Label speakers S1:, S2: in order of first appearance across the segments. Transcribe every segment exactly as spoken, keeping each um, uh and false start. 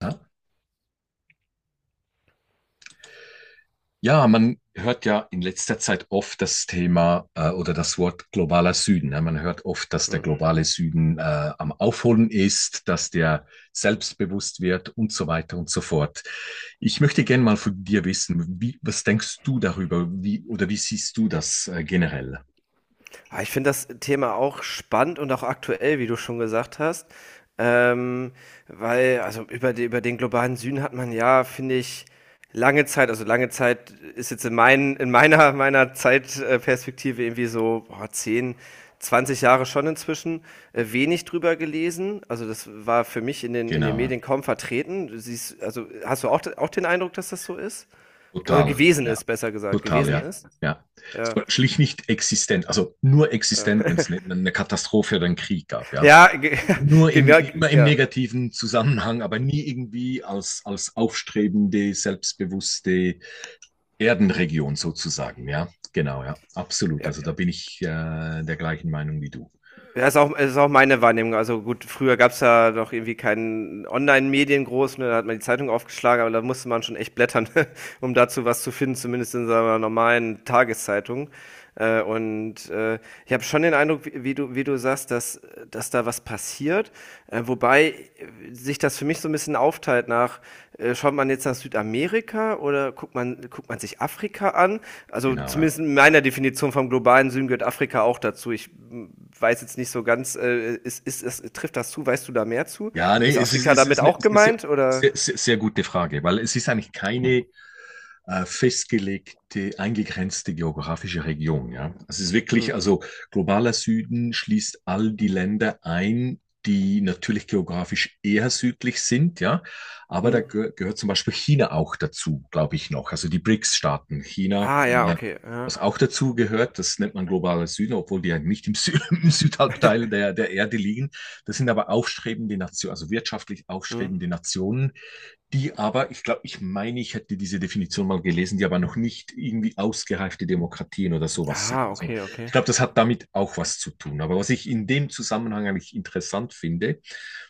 S1: Ja, Ja, man hört ja in letzter Zeit oft das Thema äh, oder das Wort globaler Süden. Ja, man hört oft, dass der
S2: Mhm.
S1: globale Süden äh, am Aufholen ist, dass der selbstbewusst wird und so weiter und so fort. Ich möchte gerne mal von dir wissen, wie, was denkst du darüber? Wie oder wie siehst du das äh, generell?
S2: Ah, ich finde das Thema auch spannend und auch aktuell, wie du schon gesagt hast. Ähm, Weil, also über, die, über den globalen Süden hat man ja, finde ich, lange Zeit, also lange Zeit ist jetzt in, mein, in meiner, meiner Zeitperspektive irgendwie so boah, zehn, zwanzig Jahre schon inzwischen äh, wenig drüber gelesen. Also das war für mich in den, in
S1: Genau,
S2: den
S1: ja,
S2: Medien kaum vertreten. Du siehst, also hast du auch, auch den Eindruck, dass das so ist? Oder
S1: total,
S2: gewesen
S1: ja,
S2: ist, besser gesagt,
S1: total,
S2: gewesen
S1: ja,
S2: ist?
S1: ja. Es
S2: Ja,
S1: war schlicht nicht existent, also nur
S2: ja.
S1: existent, wenn es eine, eine Katastrophe oder einen Krieg gab, ja.
S2: Ja, ge-
S1: Nur im,
S2: genau,
S1: immer im
S2: ja.
S1: negativen Zusammenhang, aber nie irgendwie als, als aufstrebende, selbstbewusste Erdenregion sozusagen. Ja, genau, ja, absolut.
S2: Ja,
S1: Also da bin ich äh, der gleichen Meinung wie du.
S2: das ist auch, das ist auch meine Wahrnehmung. Also gut, früher gab's ja noch irgendwie keinen Online-Medien groß, ne? Da hat man die Zeitung aufgeschlagen, aber da musste man schon echt blättern, um dazu was zu finden, zumindest in seiner normalen Tageszeitung. Äh, und äh, Ich habe schon den Eindruck, wie, wie, du, wie du sagst, dass, dass da was passiert. Äh, wobei äh, sich das für mich so ein bisschen aufteilt nach, äh, Schaut man jetzt nach Südamerika oder guckt man, guckt man sich Afrika an? Also
S1: Genau, ja.
S2: zumindest in meiner Definition vom globalen Süden gehört Afrika auch dazu. Ich m, weiß jetzt nicht so ganz, äh, ist, ist, ist, trifft das zu? Weißt du da mehr zu?
S1: Ja, nee,
S2: Ist
S1: es ist,
S2: Afrika
S1: es ist
S2: damit
S1: eine,
S2: auch
S1: sehr,
S2: gemeint
S1: sehr,
S2: oder?
S1: sehr gute Frage, weil es ist eigentlich keine äh, festgelegte, eingegrenzte geografische Region. Ja? Es ist
S2: Hm.
S1: wirklich, also globaler Süden schließt all die Länder ein, die natürlich geografisch eher südlich sind, ja. Aber
S2: Hm.
S1: da geh gehört zum Beispiel China auch dazu, glaube ich noch. Also die B R I C S-Staaten, China,
S2: Ah ja,
S1: äh,
S2: okay. Ja.
S1: was auch dazu gehört, das nennt man globaler Süden, obwohl die ja nicht im, Sü im
S2: Mhm.
S1: Südhalbteil der, der Erde liegen. Das sind aber aufstrebende Nationen, also wirtschaftlich
S2: Mhm.
S1: aufstrebende Nationen, die aber, ich glaube, ich meine, ich hätte diese Definition mal gelesen, die aber noch nicht irgendwie ausgereifte Demokratien oder sowas sind.
S2: Ah,
S1: Also
S2: okay,
S1: ich
S2: okay.
S1: glaube, das hat damit auch was zu tun. Aber was ich in dem Zusammenhang eigentlich interessant finde,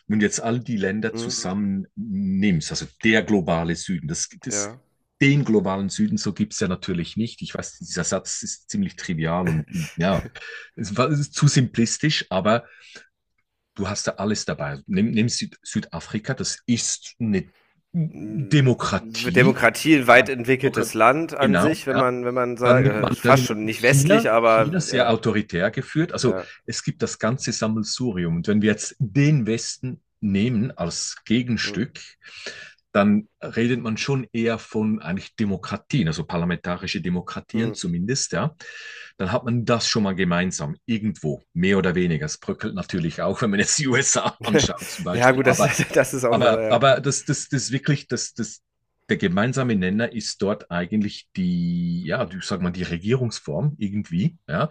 S1: wenn du jetzt all die Länder
S2: Mhm.
S1: zusammen nimmst, also der globale Süden, das, das
S2: Ja.
S1: den globalen Süden, so gibt's ja natürlich nicht. Ich weiß, dieser Satz ist ziemlich trivial und ja, es war es ist zu simplistisch, aber du hast da alles dabei. Nimm, nimm Süd Südafrika, das ist eine
S2: Hm,
S1: Demokratie.
S2: Demokratie, ein
S1: Kann man
S2: weit
S1: sogar-
S2: entwickeltes Land an
S1: Genau,
S2: sich, wenn
S1: ja.
S2: man, wenn man
S1: Dann
S2: sagt,
S1: nimmt
S2: äh,
S1: man, dann
S2: fast
S1: nimmt
S2: schon
S1: man
S2: nicht
S1: China,
S2: westlich, aber
S1: China sehr
S2: ja,
S1: autoritär geführt. Also
S2: ja.
S1: es gibt das ganze Sammelsurium. Und wenn wir jetzt den Westen nehmen als
S2: Mhm.
S1: Gegenstück, dann redet man schon eher von eigentlich Demokratien, also parlamentarische Demokratien
S2: Mhm.
S1: zumindest, ja. Dann hat man das schon mal gemeinsam, irgendwo, mehr oder weniger. Es bröckelt natürlich auch, wenn man jetzt die U S A anschaut zum
S2: Ja,
S1: Beispiel.
S2: gut, das,
S1: Aber,
S2: das ist auch eine
S1: aber,
S2: Sache. Ja,
S1: aber das, das, das wirklich, das, das, der gemeinsame Nenner ist dort eigentlich die, ja, ich sag mal, die Regierungsform irgendwie, ja.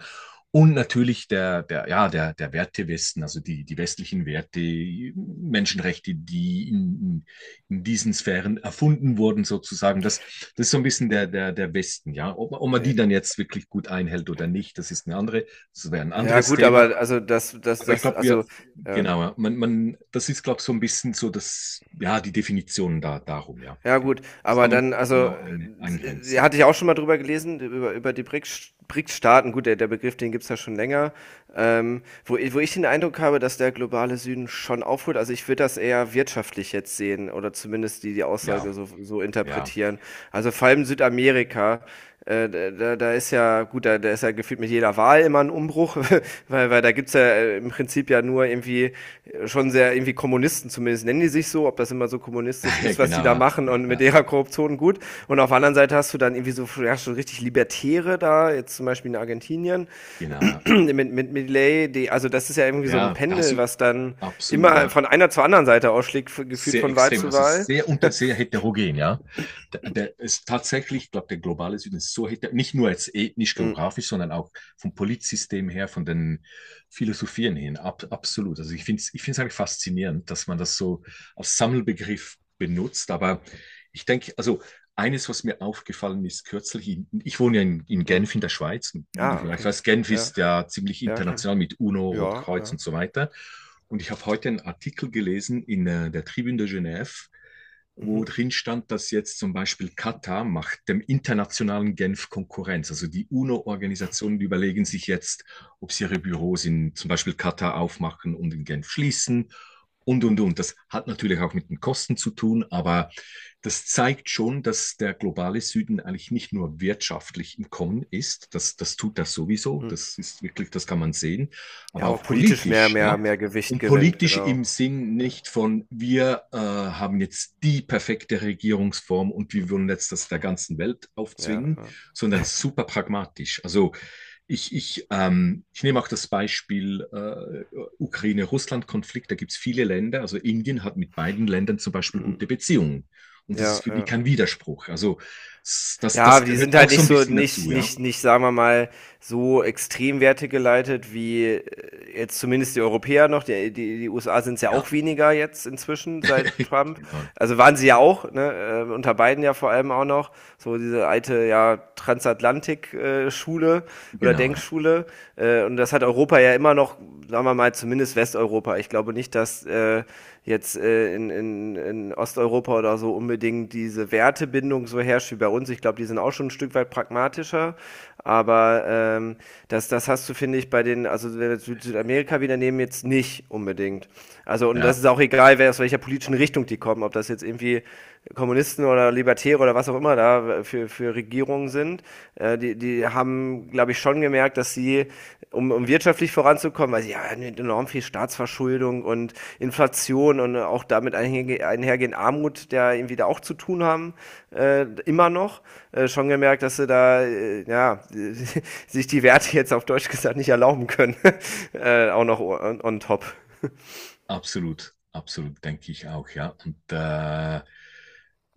S1: Und natürlich der, der, ja, der, der Werte Westen also die, die westlichen Werte, Menschenrechte, die in, in diesen Sphären erfunden wurden, sozusagen. Das, das ist so ein bisschen der,
S2: mhm.
S1: der, der Westen, ja. Ob, ob man die dann jetzt wirklich gut einhält oder nicht, das ist eine andere, das wäre ein
S2: Ja,
S1: anderes
S2: gut,
S1: Thema.
S2: aber also das, das,
S1: Aber ich
S2: das,
S1: glaube, wir,
S2: also, ja.
S1: genau, ja, man, man, das ist, glaube ich, so ein bisschen so das, ja, die Definition da, darum, ja.
S2: Ja,
S1: Okay.
S2: gut,
S1: Das
S2: aber
S1: kann man nicht
S2: dann, also,
S1: genau ein,
S2: äh, äh,
S1: eingrenzen.
S2: hatte ich auch schon mal drüber gelesen, über, über die B R I C S B R I C S-Staaten. Gut, der, der Begriff, den gibt's ja schon länger. Ähm, wo, i- wo ich den Eindruck habe, dass der globale Süden schon aufholt. Also, ich würde das eher wirtschaftlich jetzt sehen oder zumindest die, die
S1: Ja,
S2: Aussage so, so
S1: ja,
S2: interpretieren. Also, vor allem Südamerika äh, da, da ist ja, gut, da, da ist ja gefühlt mit jeder Wahl immer ein Umbruch, weil, weil da gibt's ja äh, im Prinzip ja nur irgendwie äh, schon sehr irgendwie Kommunisten, zumindest nennen die sich so, ob das immer so kommunistisch ist, was die
S1: genau,
S2: da
S1: ja,
S2: machen
S1: ja,
S2: und mit
S1: ja,
S2: ihrer Korruption, gut. Und auf der anderen Seite hast du dann irgendwie so, ja, schon richtig Libertäre da, jetzt zum Beispiel in Argentinien,
S1: genau, ja.
S2: mit, mit Milley, die, also das ist ja irgendwie so ein
S1: Ja, da hast
S2: Pendel,
S1: du,
S2: was dann
S1: absolut,
S2: immer
S1: ja.
S2: von einer zur anderen Seite ausschlägt, f- gefühlt
S1: Sehr
S2: von Wahl
S1: extrem.
S2: zu
S1: Also es ist
S2: Wahl.
S1: sehr unter, sehr heterogen, ja. Der, der ist tatsächlich, ich glaube, der globale Süden ist so heter, nicht nur jetzt ethnisch,
S2: Mm,
S1: geografisch, sondern auch vom Politsystem her, von den Philosophien hin. Ab, absolut. Also ich finde es ich finde es eigentlich faszinierend, dass man das so als Sammelbegriff benutzt. Aber ich denke, also eines, was mir aufgefallen ist, kürzlich, in, ich wohne ja in, in
S2: mm.
S1: Genf in der Schweiz, und wie du
S2: Ah,
S1: vielleicht
S2: okay.
S1: weißt, Genf
S2: Ja,
S1: ist ja ziemlich
S2: ja, kenn
S1: international mit UNO,
S2: ich. Ja,
S1: Rotkreuz
S2: ja.
S1: und so weiter. Und ich habe heute einen Artikel gelesen in äh, der Tribune de Genève,
S2: Mhm.
S1: wo drin stand, dass jetzt zum Beispiel Katar macht dem internationalen Genf Konkurrenz. Also die UNO-Organisationen überlegen sich jetzt, ob sie ihre Büros in zum Beispiel Katar aufmachen und in Genf schließen und, und, und. Das hat natürlich auch mit den Kosten zu tun, aber das zeigt schon, dass der globale Süden eigentlich nicht nur wirtschaftlich im Kommen ist. Das, das tut das sowieso.
S2: Mhm.
S1: Das ist wirklich, das kann man sehen,
S2: Ja,
S1: aber
S2: aber
S1: auch
S2: politisch mehr
S1: politisch, ja.
S2: mehr mehr Gewicht
S1: Und
S2: gewinnt,
S1: politisch im
S2: genau.
S1: Sinn nicht von, wir äh, haben jetzt die perfekte Regierungsform und wir wollen jetzt das der ganzen Welt
S2: Ja,
S1: aufzwingen,
S2: ja.
S1: sondern super pragmatisch. Also ich, ich, ähm, ich nehme auch das Beispiel äh, Ukraine-Russland-Konflikt. Da gibt es viele Länder. Also Indien hat mit beiden Ländern zum Beispiel
S2: Mhm.
S1: gute Beziehungen. Und das ist
S2: Ja,
S1: für die
S2: ja.
S1: kein Widerspruch. Also s- das,
S2: Ja,
S1: das
S2: die
S1: gehört
S2: sind
S1: auch
S2: halt
S1: so
S2: nicht
S1: ein
S2: so
S1: bisschen
S2: nicht
S1: dazu, ja.
S2: nicht nicht, sagen wir mal, so extrem Werte geleitet, wie äh, jetzt zumindest die Europäer noch. Die, die, die U S A sind es ja
S1: Ja,
S2: auch weniger jetzt inzwischen seit Trump.
S1: genau,
S2: Also waren sie ja auch, ne, äh, unter Biden ja vor allem auch noch. So diese alte, ja, Transatlantik-Schule äh, oder
S1: genau, ja.
S2: Denkschule. Äh, und das hat Europa ja immer noch, sagen wir mal, zumindest Westeuropa. Ich glaube nicht, dass äh, jetzt äh, in, in, in Osteuropa oder so unbedingt diese Wertebindung so herrscht wie bei uns. Ich glaube, die sind auch schon ein Stück weit pragmatischer. Aber ähm, das, das hast du, finde ich, bei den, also wenn wir jetzt Süd- Südamerika wieder nehmen, jetzt nicht unbedingt. Also, und das
S1: Ja.
S2: ist auch egal, wer aus welcher politischen Richtung die kommen, ob das jetzt irgendwie Kommunisten oder Libertäre oder was auch immer da für, für Regierungen sind. Äh, die, die haben, glaube ich, schon gemerkt, dass sie, um um wirtschaftlich voranzukommen, weil sie haben enorm viel Staatsverschuldung und Inflation und auch damit einhergehend Armut, der irgendwie da auch zu tun haben, äh, immer noch. Äh, schon gemerkt, dass sie da, äh, ja, sich die Werte jetzt auf Deutsch gesagt nicht erlauben können. äh, auch noch on, on top.
S1: Absolut, absolut, denke ich auch, ja. Und äh,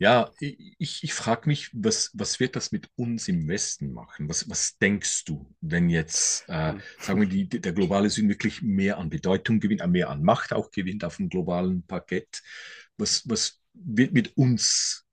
S1: ja, ich, ich frage mich, was, was wird das mit uns im Westen machen? Was, was denkst du, wenn jetzt, äh, sagen wir, die, die- der globale Süden wirklich mehr an Bedeutung gewinnt, äh, mehr an Macht auch gewinnt auf dem globalen Parkett? Was, was wird mit uns,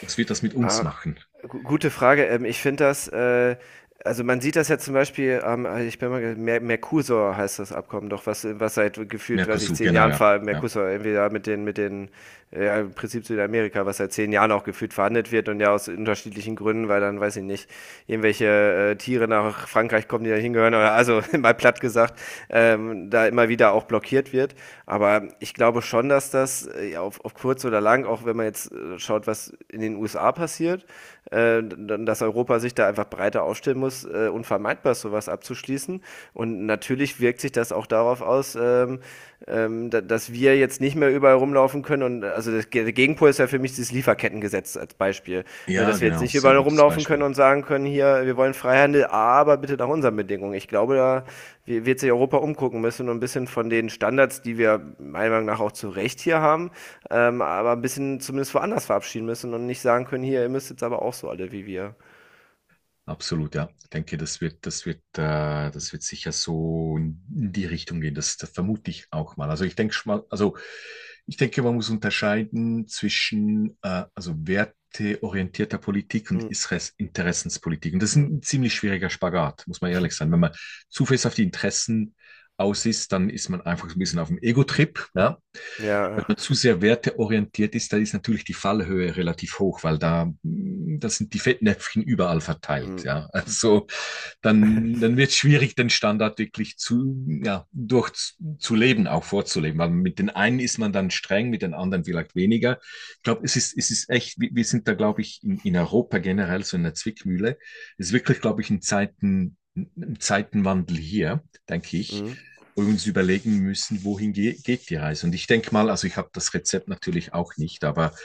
S1: was wird das mit uns
S2: Ah,
S1: machen?
S2: gu- gute Frage. Ähm, ich finde das, äh, Also man sieht das ja zum Beispiel, ähm, ich bin mal, ge- Mer Mercosur heißt das Abkommen doch, was, was seit gefühlt, weiß ich,
S1: Mercosur,
S2: zehn
S1: genau,
S2: Jahren
S1: ja.
S2: ver
S1: Ja,
S2: Mercosur, entweder mit den, mit den, äh, ja, im Prinzip Südamerika, was seit zehn Jahren auch gefühlt verhandelt wird und ja aus unterschiedlichen Gründen, weil dann, weiß ich nicht, irgendwelche äh, Tiere nach Frankreich kommen, die da hingehören oder also, mal platt gesagt, ähm, da immer wieder auch blockiert wird. Aber ich glaube schon, dass das äh, ja, auf, auf kurz oder lang, auch wenn man jetzt äh, schaut, was in den U S A passiert, äh, dass Europa sich da einfach breiter aufstellen muss, äh, unvermeidbar sowas abzuschließen. Und natürlich wirkt sich das auch darauf aus, ähm, ähm, da, dass wir jetzt nicht mehr überall rumlaufen können. Und also das, der Gegenpol ist ja für mich dieses Lieferkettengesetz als Beispiel. Ne,
S1: ja,
S2: dass wir jetzt
S1: genau,
S2: nicht
S1: sehr
S2: überall
S1: gutes
S2: rumlaufen können
S1: Beispiel.
S2: und sagen können: Hier, wir wollen Freihandel, aber bitte nach unseren Bedingungen. Ich glaube, da wird sich Europa umgucken müssen und ein bisschen von den Standards, die wir meiner Meinung nach auch zu Recht hier haben, ähm, aber ein bisschen zumindest woanders verabschieden müssen und nicht sagen können: Hier, ihr müsst jetzt aber auch so alle wie wir.
S1: Absolut, ja. Ich denke, das wird, das wird, äh, das wird sicher so in die Richtung gehen. Das, das vermute ich auch mal. Also ich denke schon mal, also ich denke, man muss unterscheiden zwischen äh, also werteorientierter Politik und
S2: Mhm.
S1: Isres- Interessenspolitik. Und das ist
S2: Mhm.
S1: ein ziemlich schwieriger Spagat, muss man ehrlich sein. Wenn man zu fest auf die Interessen aus ist, dann ist man einfach so ein bisschen auf dem Ego-Trip, ja, wenn
S2: Ja,
S1: man zu sehr werteorientiert ist, da ist natürlich die Fallhöhe relativ hoch, weil da, mm, da sind die Fettnäpfchen überall verteilt.
S2: mhm.
S1: Ja, also dann, dann wird es schwierig, den Standard wirklich zu, ja, durch zu leben, auch vorzuleben, weil mit den einen ist man dann streng, mit den anderen vielleicht weniger. Ich glaube, es ist, es ist echt, wir sind da, glaube ich, in, in Europa generell so in der Zwickmühle. Es ist wirklich, glaube ich, in Zeiten Zeitenwandel hier, denke ich,
S2: Mhm.
S1: uns überlegen müssen, wohin ge geht die Reise. Und ich denke mal, also ich habe das Rezept natürlich auch nicht, aber ein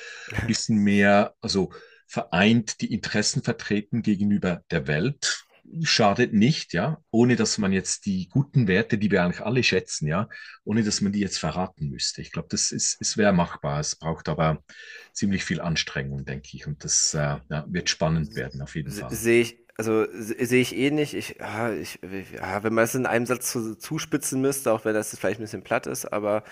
S1: bisschen mehr, also vereint die Interessen vertreten gegenüber der Welt, schadet nicht, ja, ohne dass man jetzt die guten Werte, die wir eigentlich alle schätzen, ja, ohne dass man die jetzt verraten müsste. Ich glaube, das ist, es wäre machbar. Es braucht aber ziemlich viel Anstrengung, denke ich. Und das äh, ja, wird spannend
S2: Se-
S1: werden, auf jeden
S2: se-
S1: Fall.
S2: Sehe ich, also se- sehe ich eh nicht. Ich, ah, ich, ja, wenn man es in einem Satz zu, zuspitzen müsste, auch wenn das jetzt vielleicht ein bisschen platt ist, aber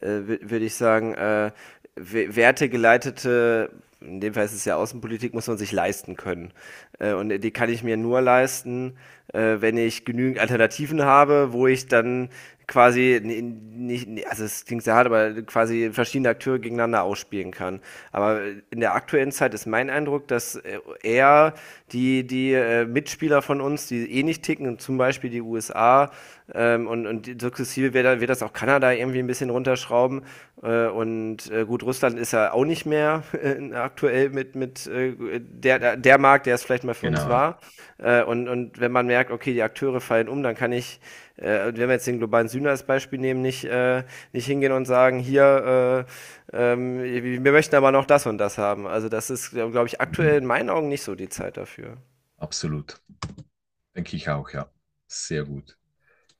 S2: äh, würde ich sagen, äh, we- wertegeleitete, in dem Fall ist es ja Außenpolitik, muss man sich leisten können. Äh, und die kann ich mir nur leisten, äh, wenn ich genügend Alternativen habe, wo ich sich dann quasi nicht, also es klingt sehr hart, aber quasi verschiedene Akteure gegeneinander ausspielen kann. Aber in der aktuellen Zeit ist mein Eindruck, dass äh, eher die, die äh, Mitspieler von uns, die eh nicht ticken, zum Beispiel die U S A, ähm, und, und sukzessive wird, wird das auch Kanada irgendwie ein bisschen runterschrauben äh, und äh, gut, Russland ist ja auch nicht mehr äh, aktuell mit, mit äh, der, der Markt, der es vielleicht mal für uns
S1: Genau, ja.
S2: war. Äh, und, und wenn man merkt, okay, die Akteure fallen um, dann kann ich, äh, wenn wir jetzt den globalen Süden als Beispiel nehmen, nicht, äh, nicht hingehen und sagen: Hier, äh, ähm, wir möchten aber noch das und das haben. Also das ist, glaube ich,
S1: Mhm.
S2: aktuell in meinen Augen nicht so die Zeit dafür.
S1: Absolut. Denke ich auch, ja. Sehr gut.